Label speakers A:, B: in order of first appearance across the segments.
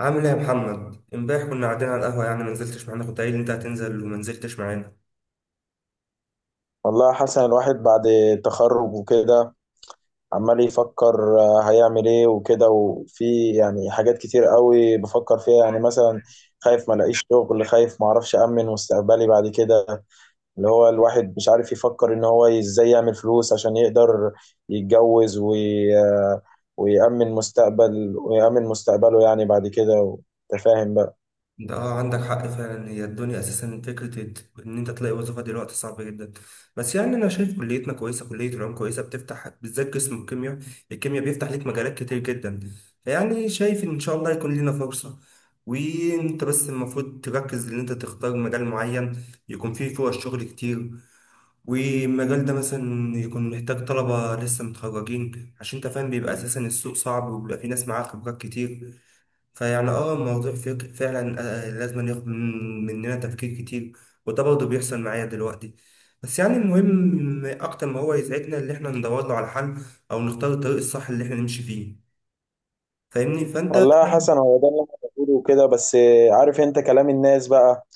A: عامل ايه يا محمد؟ امبارح كنا قاعدين على القهوه، يعني ما نزلتش معانا، كنت قايل انت هتنزل وما نزلتش معانا.
B: والله يا حسن، الواحد بعد التخرج وكده عمال يفكر هيعمل ايه وكده، وفي يعني حاجات كتير قوي بفكر فيها، يعني مثلا خايف ما الاقيش شغل، خايف ما اعرفش امن مستقبلي بعد كده. اللي هو الواحد مش عارف يفكر ان هو ازاي يعمل فلوس عشان يقدر يتجوز وي... آه، ويأمن مستقبله يعني بعد كده. انت فاهم بقى؟
A: ده اه عندك حق فعلا، هي الدنيا اساسا فكره ان انت تلاقي وظيفه دلوقتي صعبه جدا. بس يعني انا شايف كليتنا كويسه، كليه العلوم كويسه، بتفتح بالذات قسم الكيمياء، الكيمياء بيفتح ليك مجالات كتير جدا. يعني شايف ان شاء الله يكون لنا فرصه. وانت بس المفروض تركز ان انت تختار مجال معين يكون فيه فرص شغل كتير، والمجال ده مثلا يكون محتاج طلبة لسه متخرجين، عشان انت فاهم بيبقى اساسا السوق صعب وبيبقى في ناس معاها خبرات كتير. فيعني اه الموضوع فعلا لازم ياخد مننا تفكير كتير. وده برضه بيحصل معايا دلوقتي. بس يعني المهم اكتر ما هو يسعدنا اللي احنا ندور له على حل، او نختار الطريق الصح اللي احنا نمشي فيه. فاهمني؟ فانت
B: والله يا حسن، هو ده اللي انا بقوله كده، بس عارف انت كلام الناس بقى.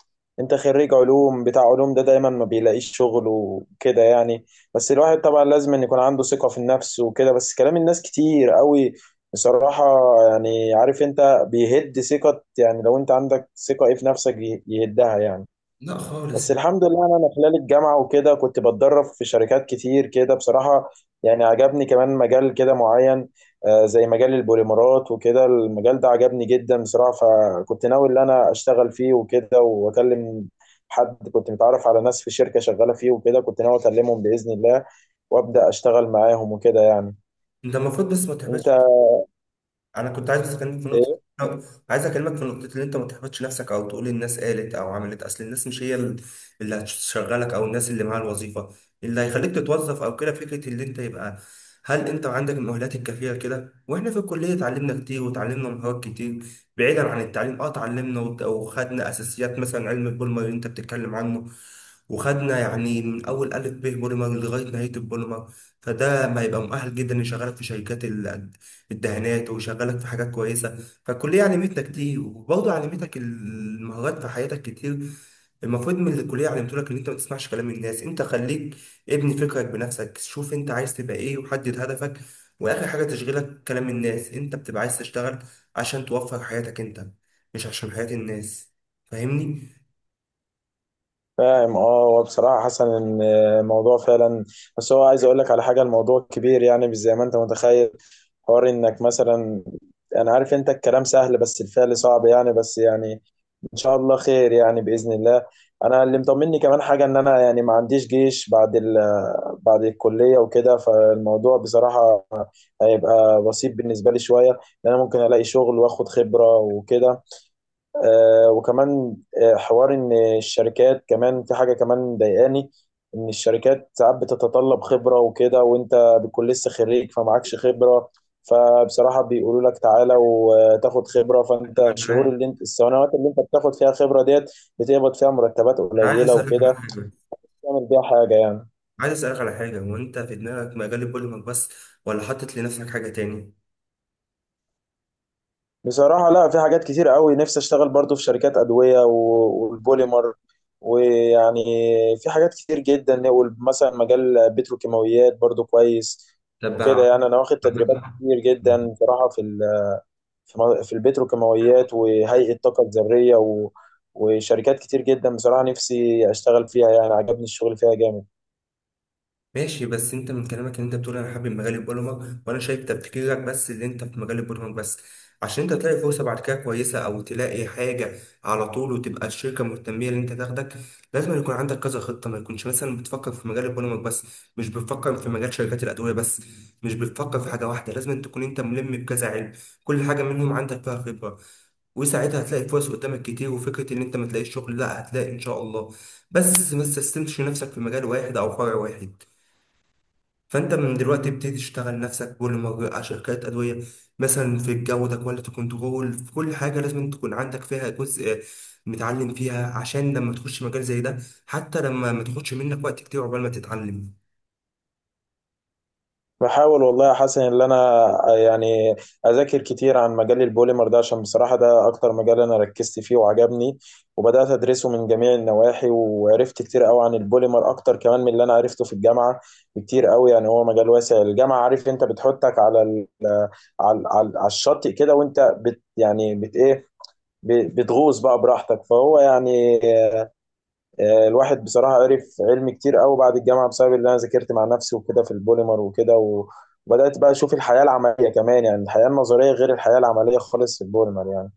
B: انت خريج علوم، بتاع علوم ده دايما ما بيلاقيش شغل وكده يعني. بس الواحد طبعا لازم ان يكون عنده ثقة في النفس وكده، بس كلام الناس كتير قوي بصراحة. يعني عارف انت بيهد ثقة، يعني لو انت عندك ثقة ايه في نفسك يهدها يعني.
A: لا خالص.
B: بس الحمد لله أنا خلال الجامعه وكده كنت بتدرب في شركات كتير كده بصراحه. يعني عجبني كمان مجال كده معين، زي مجال البوليمرات وكده، المجال ده عجبني جدا بصراحه، فكنت ناوي ان انا اشتغل فيه وكده واكلم حد. كنت متعرف على ناس في شركه شغاله فيه وكده، كنت ناوي اكلمهم باذن الله وابدا اشتغل معاهم وكده يعني.
A: انت المفروض بس ما
B: انت.
A: تحبطش. انا كنت عايز بس اكلمك في نقطه،
B: إيه.
A: عايز اكلمك في نقطه، اللي انت ما تحبطش نفسك او تقول الناس قالت او عملت. اصل الناس مش هي اللي هتشغلك، او الناس اللي معاها الوظيفه اللي هيخليك تتوظف او كده. فكره اللي انت يبقى هل انت عندك المؤهلات الكافيه كده. واحنا في الكليه اتعلمنا كتير وتعلمنا مهارات كتير بعيدا عن التعليم. اه اتعلمنا وخدنا اساسيات مثلا علم البولمر اللي انت بتتكلم عنه، وخدنا يعني من اول الف ب بوليمر لغايه نهايه البوليمر. فده ما يبقى مؤهل جدا يشغلك في شركات الدهانات ويشغلك في حاجات كويسه. فالكليه علمتنا كتير وبرضه علمتك المهارات في حياتك كتير. المفروض من اللي الكليه علمته لك ان انت ما تسمعش كلام الناس. انت خليك ابني فكرك بنفسك، شوف انت عايز تبقى ايه وحدد هدفك. واخر حاجه تشغلك كلام الناس، انت بتبقى عايز تشتغل عشان توفر حياتك انت، مش عشان حياه الناس. فاهمني؟
B: فاهم. اه، هو بصراحة حسن ان الموضوع فعلا، بس هو عايز اقول لك على حاجة، الموضوع كبير يعني مش زي ما انت متخيل. حوار انك مثلا، انا عارف انت الكلام سهل بس الفعل صعب يعني، بس يعني ان شاء الله خير يعني باذن الله. انا اللي مطمني كمان حاجة ان انا يعني ما عنديش جيش بعد ال... بعد الكلية وكده، فالموضوع بصراحة هيبقى بسيط بالنسبة لي شوية، لان انا ممكن الاقي شغل واخد خبرة وكده. وكمان حوار ان الشركات كمان في حاجه كمان ضايقاني، ان الشركات ساعات بتتطلب خبره وكده وانت بتكون لسه خريج فمعكش خبره، فبصراحه بيقولوا لك تعالى وتاخد خبره. فانت
A: طب انا
B: الشهور
A: عايز،
B: اللي انت، السنوات اللي انت بتاخد فيها خبره ديت بتقبض فيها مرتبات
A: انا عايز
B: قليله
A: اسالك على
B: وكده
A: حاجه،
B: تعمل بيها حاجه يعني.
A: عايز اسالك على حاجه، هو انت في دماغك مجال البوليمر بس ولا حاطط لنفسك حاجه تاني؟
B: بصراحة لا، في حاجات كتير قوي نفسي اشتغل برضو في شركات أدوية والبوليمر، ويعني في حاجات كتير جدا. مثلا مجال بتروكيماويات برضو كويس
A: طب
B: وكده يعني. انا واخد تدريبات كتير جدا بصراحة في ال- في مو- في البتروكيماويات وهيئة الطاقة الذرية وشركات كتير جدا بصراحة نفسي اشتغل فيها، يعني عجبني الشغل فيها جامد.
A: ماشي، بس انت من كلامك ان انت بتقول انا حابب مجال البرمج، وانا شايف تفكيرك بس اللي انت في مجال البرمج بس. عشان انت تلاقي فرصه بعد كده كويسه او تلاقي حاجه على طول وتبقى الشركه مهتميه ان انت تاخدك، لازم يكون عندك كذا خطه. ما يكونش مثلا بتفكر في مجال البرمج بس، مش بتفكر في مجال شركات الادويه بس، مش بتفكر في حاجه واحده. لازم تكون انت ملم بكذا علم، كل حاجه منهم عندك فيها خبره. وساعتها هتلاقي فرص قدامك كتير، وفكرة إن أنت ما تلاقيش شغل لا، هتلاقي إن شاء الله. بس ما تستسلمش نفسك في مجال واحد أو فرع واحد. فانت من دلوقتي بتبتدي تشتغل نفسك بوليمر، على شركات ادويه، مثلا في الجوده كواليتي كنترول، في كل حاجه لازم تكون عندك فيها جزء متعلم فيها، عشان لما تخش مجال زي ده حتى لما ما تاخدش منك وقت كتير عقبال ما تتعلم.
B: بحاول والله يا حسن ان انا يعني اذاكر كتير عن مجال البوليمر ده، عشان بصراحه ده اكتر مجال انا ركزت فيه وعجبني. وبدات ادرسه من جميع النواحي وعرفت كتير قوي عن البوليمر، اكتر كمان من اللي انا عرفته في الجامعه بكتير قوي. يعني هو مجال واسع، الجامعه عارف انت بتحطك على ال على على على الشاطئ كده، وانت بت يعني بت ايه ب- بتغوص بقى براحتك، فهو يعني الواحد بصراحة عرف علم كتير قوي بعد الجامعة بسبب اللي أنا ذاكرت مع نفسي وكده في البوليمر وكده وبدأت بقى أشوف الحياة العملية كمان. يعني الحياة النظرية غير الحياة العملية خالص في البوليمر يعني.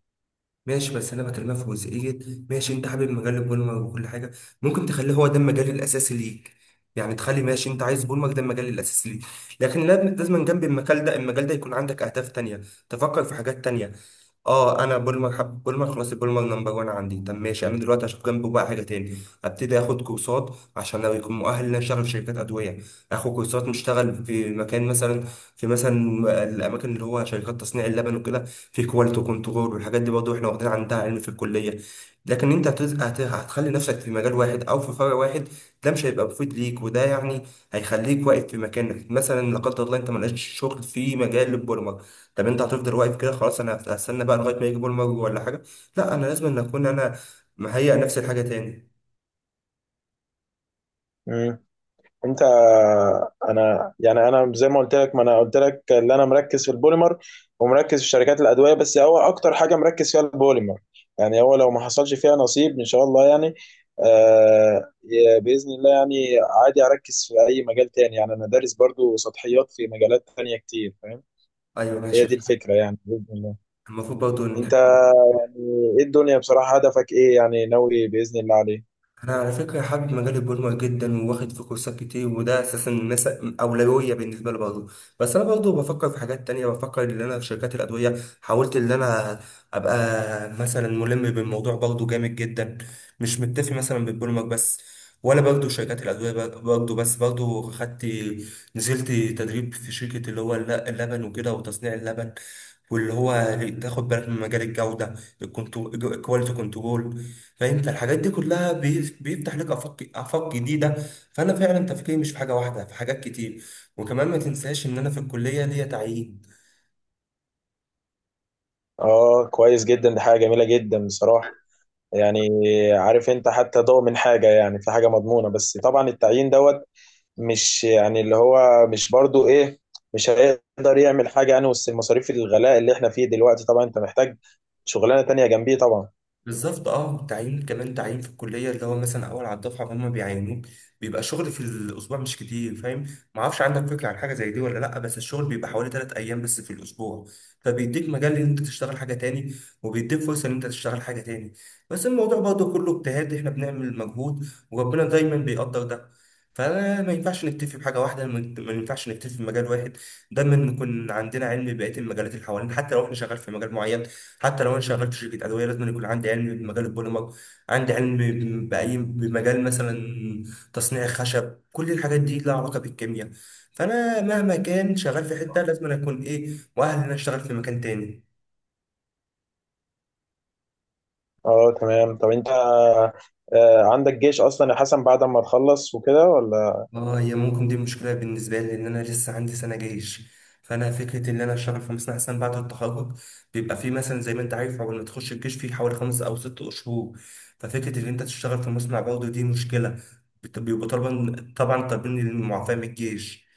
A: ماشي، بس انا بكلمها في جزئيه. ماشي انت حابب مجال بولمر وكل حاجه، ممكن تخليه هو ده المجال الاساسي ليك. يعني تخلي، ماشي انت عايز بولمر ده المجال الاساسي ليك، لكن لازم لازم جنب المجال ده المجال ده يكون عندك اهداف تانية، تفكر في حاجات تانية. اه انا بولمر، حب بولمر خلاص، البولمر نمبر وان عندي، طب ماشي انا دلوقتي هشوف جنبه بقى حاجه تاني. ابتدي اخد كورسات عشان لو يكون مؤهل ان أنا اشتغل في شركات ادويه، اخد كورسات نشتغل في مكان مثلا، في مثلا الاماكن اللي هو شركات تصنيع اللبن وكده، في كواليتي كنترول. والحاجات دي برضه احنا واخدين عندها علم في الكليه. لكن انت هتخلي نفسك في مجال واحد او في فرع واحد، ده مش هيبقى مفيد ليك. وده يعني هيخليك واقف في مكانك مثلا. لا قدر الله انت ملقاش شغل في مجال البوليمر، طب انت هتفضل واقف كده خلاص؟ انا هستنى بقى لغايه ما يجي بوليمر ولا حاجه؟ لا، انا لازم ان اكون انا مهيئ نفسي لحاجه تاني.
B: مم. انت. انا زي ما قلت لك، ما انا قلت لك ان انا مركز في البوليمر ومركز في شركات الادويه، بس هو اكتر حاجه مركز فيها البوليمر. يعني هو لو ما حصلش فيها نصيب ان شاء الله يعني، باذن الله يعني، عادي اركز في اي مجال تاني. يعني انا دارس برضو سطحيات في مجالات تانية كتير، فاهم.
A: ايوه
B: هي
A: ماشي،
B: دي الفكره يعني باذن الله.
A: المفروض برضه.
B: انت. يعني ايه الدنيا بصراحه؟ هدفك ايه يعني، ناوي باذن الله عليه؟
A: انا على فكره حابب مجال البرمجه جدا وواخد فيه كورسات كتير، وده اساسا اولويه بالنسبه لي برضه. بس انا برضه بفكر في حاجات تانية، بفكر ان انا في شركات الادويه، حاولت ان انا ابقى مثلا ملم بالموضوع برضه جامد جدا. مش متفق مثلا بالبرمج بس، ولا برضه شركات الادويه برضه بس، برضه خدت، نزلت تدريب في شركه اللي هو اللبن وكده وتصنيع اللبن، واللي هو تاخد بالك من مجال الجودة الكواليتي كنترول. فانت الحاجات دي كلها بيفتح لك آفاق آفاق جديدة. فأنا فعلا تفكيري مش في حاجة واحدة، في حاجات كتير. وكمان ما تنساش إن أنا في الكلية ليا تعيين.
B: اه، كويس جدا، دي حاجه جميله جدا بصراحه. يعني عارف انت، حتى ضوء من حاجة يعني، في حاجة مضمونة. بس طبعا التعيين دوت مش يعني اللي هو مش برضو ايه، مش هيقدر يعمل حاجة يعني وسط المصاريف الغلاء اللي احنا فيه دلوقتي. طبعا انت محتاج شغلانة تانية جنبيه طبعا.
A: بالظبط اه، تعيين كمان، تعيين في الكليه اللي هو مثلا اول على الدفعه فهم بيعينوك، بيبقى شغل في الاسبوع مش كتير، فاهم؟ ما اعرفش عندك فكره عن حاجه زي دي ولا لا، بس الشغل بيبقى حوالي 3 ايام بس في الاسبوع. فبيديك مجال ان انت تشتغل حاجه تاني، وبيديك فرصه ان انت تشتغل حاجه تاني. بس الموضوع برضه كله اجتهاد، احنا بنعمل مجهود وربنا دايما بيقدر ده. فما ما ينفعش نكتفي بحاجه واحده، ما ينفعش نكتفي بمجال واحد. دايما نكون عندنا علم ببقيه المجالات اللي حوالينا، حتى لو احنا شغال في مجال معين. حتى لو انا شغال في شركه ادويه لازم يكون عندي علم بمجال البوليمر، عندي علم باي بمجال مثلا تصنيع الخشب. كل الحاجات دي لها علاقه بالكيمياء. فانا مهما كان شغال في حته لازم أنا اكون ايه مؤهل ان أنا اشتغل في مكان تاني.
B: اه تمام. طب انت عندك جيش اصلا يا حسن بعد ما تخلص وكده ولا
A: اه هي ممكن دي مشكلة بالنسبة لي، لأن أنا لسه عندي سنة جيش. فأنا فكرة إن أنا أشتغل في مصنع أحسن بعد التخرج، بيبقى فيه مثلا زي ما أنت عارف أول ما تخش الجيش فيه حوالي 5 أو 6 شهور. ففكرة إن أنت تشتغل في مصنع برضه دي مشكلة، بيبقوا طالبا طبعا طالبين المعافاة من الجيش.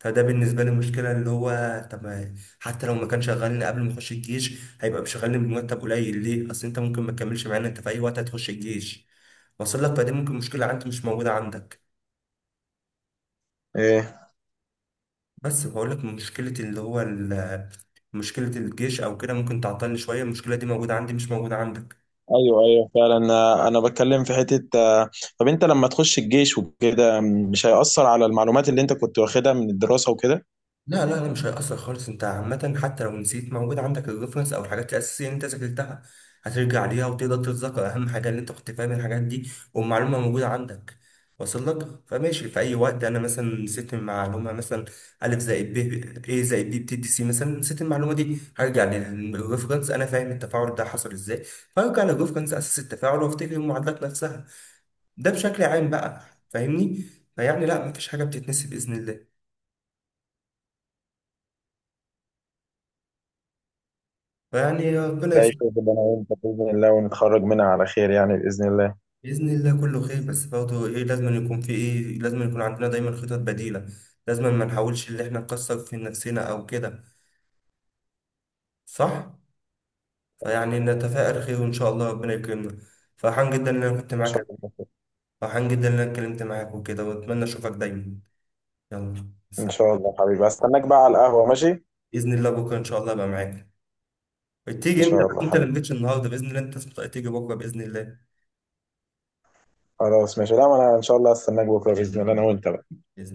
A: فده بالنسبة لي مشكلة اللي هو، طب حتى لو ما كان شغالني قبل ما أخش الجيش هيبقى مشغلني بمرتب قليل ليه؟ أصل أنت ممكن ما تكملش معانا، أنت في أي وقت هتخش الجيش. وصل لك؟ فدي ممكن مشكلة عندي مش موجودة عندك.
B: ايه؟
A: بس بقول لك مشكلة اللي هو مشكلة الجيش أو كده ممكن تعطلني شوية. المشكلة دي موجودة عندي مش موجودة عندك.
B: ايوه، ايوه، فعلا. انا بتكلم في حتة. طب انت لما تخش الجيش وكده مش هيأثر على المعلومات اللي انت كنت واخدها من الدراسة وكده؟
A: لا لا لا مش هيأثر خالص. انت عامة حتى لو نسيت، موجود عندك الريفرنس او الحاجات الأساسية اللي انت ذاكرتها، هترجع ليها وتقدر تتذكر. أهم حاجة اللي انت كنت فاهم الحاجات دي والمعلومة موجودة عندك، واصل لك؟ فماشي في أي وقت أنا مثلا نسيت المعلومة، مثلا ألف زائد ب إيه زائد بي بتدي سي، مثلا نسيت المعلومة دي هرجع للريفرنس، أنا فاهم التفاعل ده حصل إزاي. فهرجع للريفرنس أساس التفاعل وأفتكر المعادلات نفسها. ده بشكل عام بقى، فاهمني؟ فيعني لا مفيش حاجة بتتنسي بإذن الله. فيعني ربنا
B: لاقي شغل اللي انا وانت باذن الله، ونتخرج منها على خير يعني باذن الله.
A: بإذن الله كله خير. بس برضه إيه، لازم يكون في إيه، لازم يكون عندنا دايما خطط بديلة. لازم ما نحاولش إن إحنا نكسر في نفسنا أو كده، صح؟ فيعني نتفائل خير وإن شاء الله ربنا يكرمنا. فرحان جدا إن أنا كنت
B: ان شاء
A: معاك،
B: الله.
A: فرحان جدا إن أنا اتكلمت معاك وكده، وأتمنى أشوفك دايما. يلا
B: ان
A: سلام.
B: شاء الله حبيبي، استناك بقى على القهوه ماشي.
A: بإذن الله بكرة إن شاء الله أبقى معاك.
B: ان
A: تيجي أنت،
B: شاء الله
A: أنت اللي
B: حبيبي.
A: مجيتش النهاردة، بإذن الله أنت تيجي بكرة بإذن الله.
B: خلاص ماشي. لا، ما انا ان شاء الله استناك بكره باذن الله،
A: بإذن
B: انا وانت بقى.
A: الله.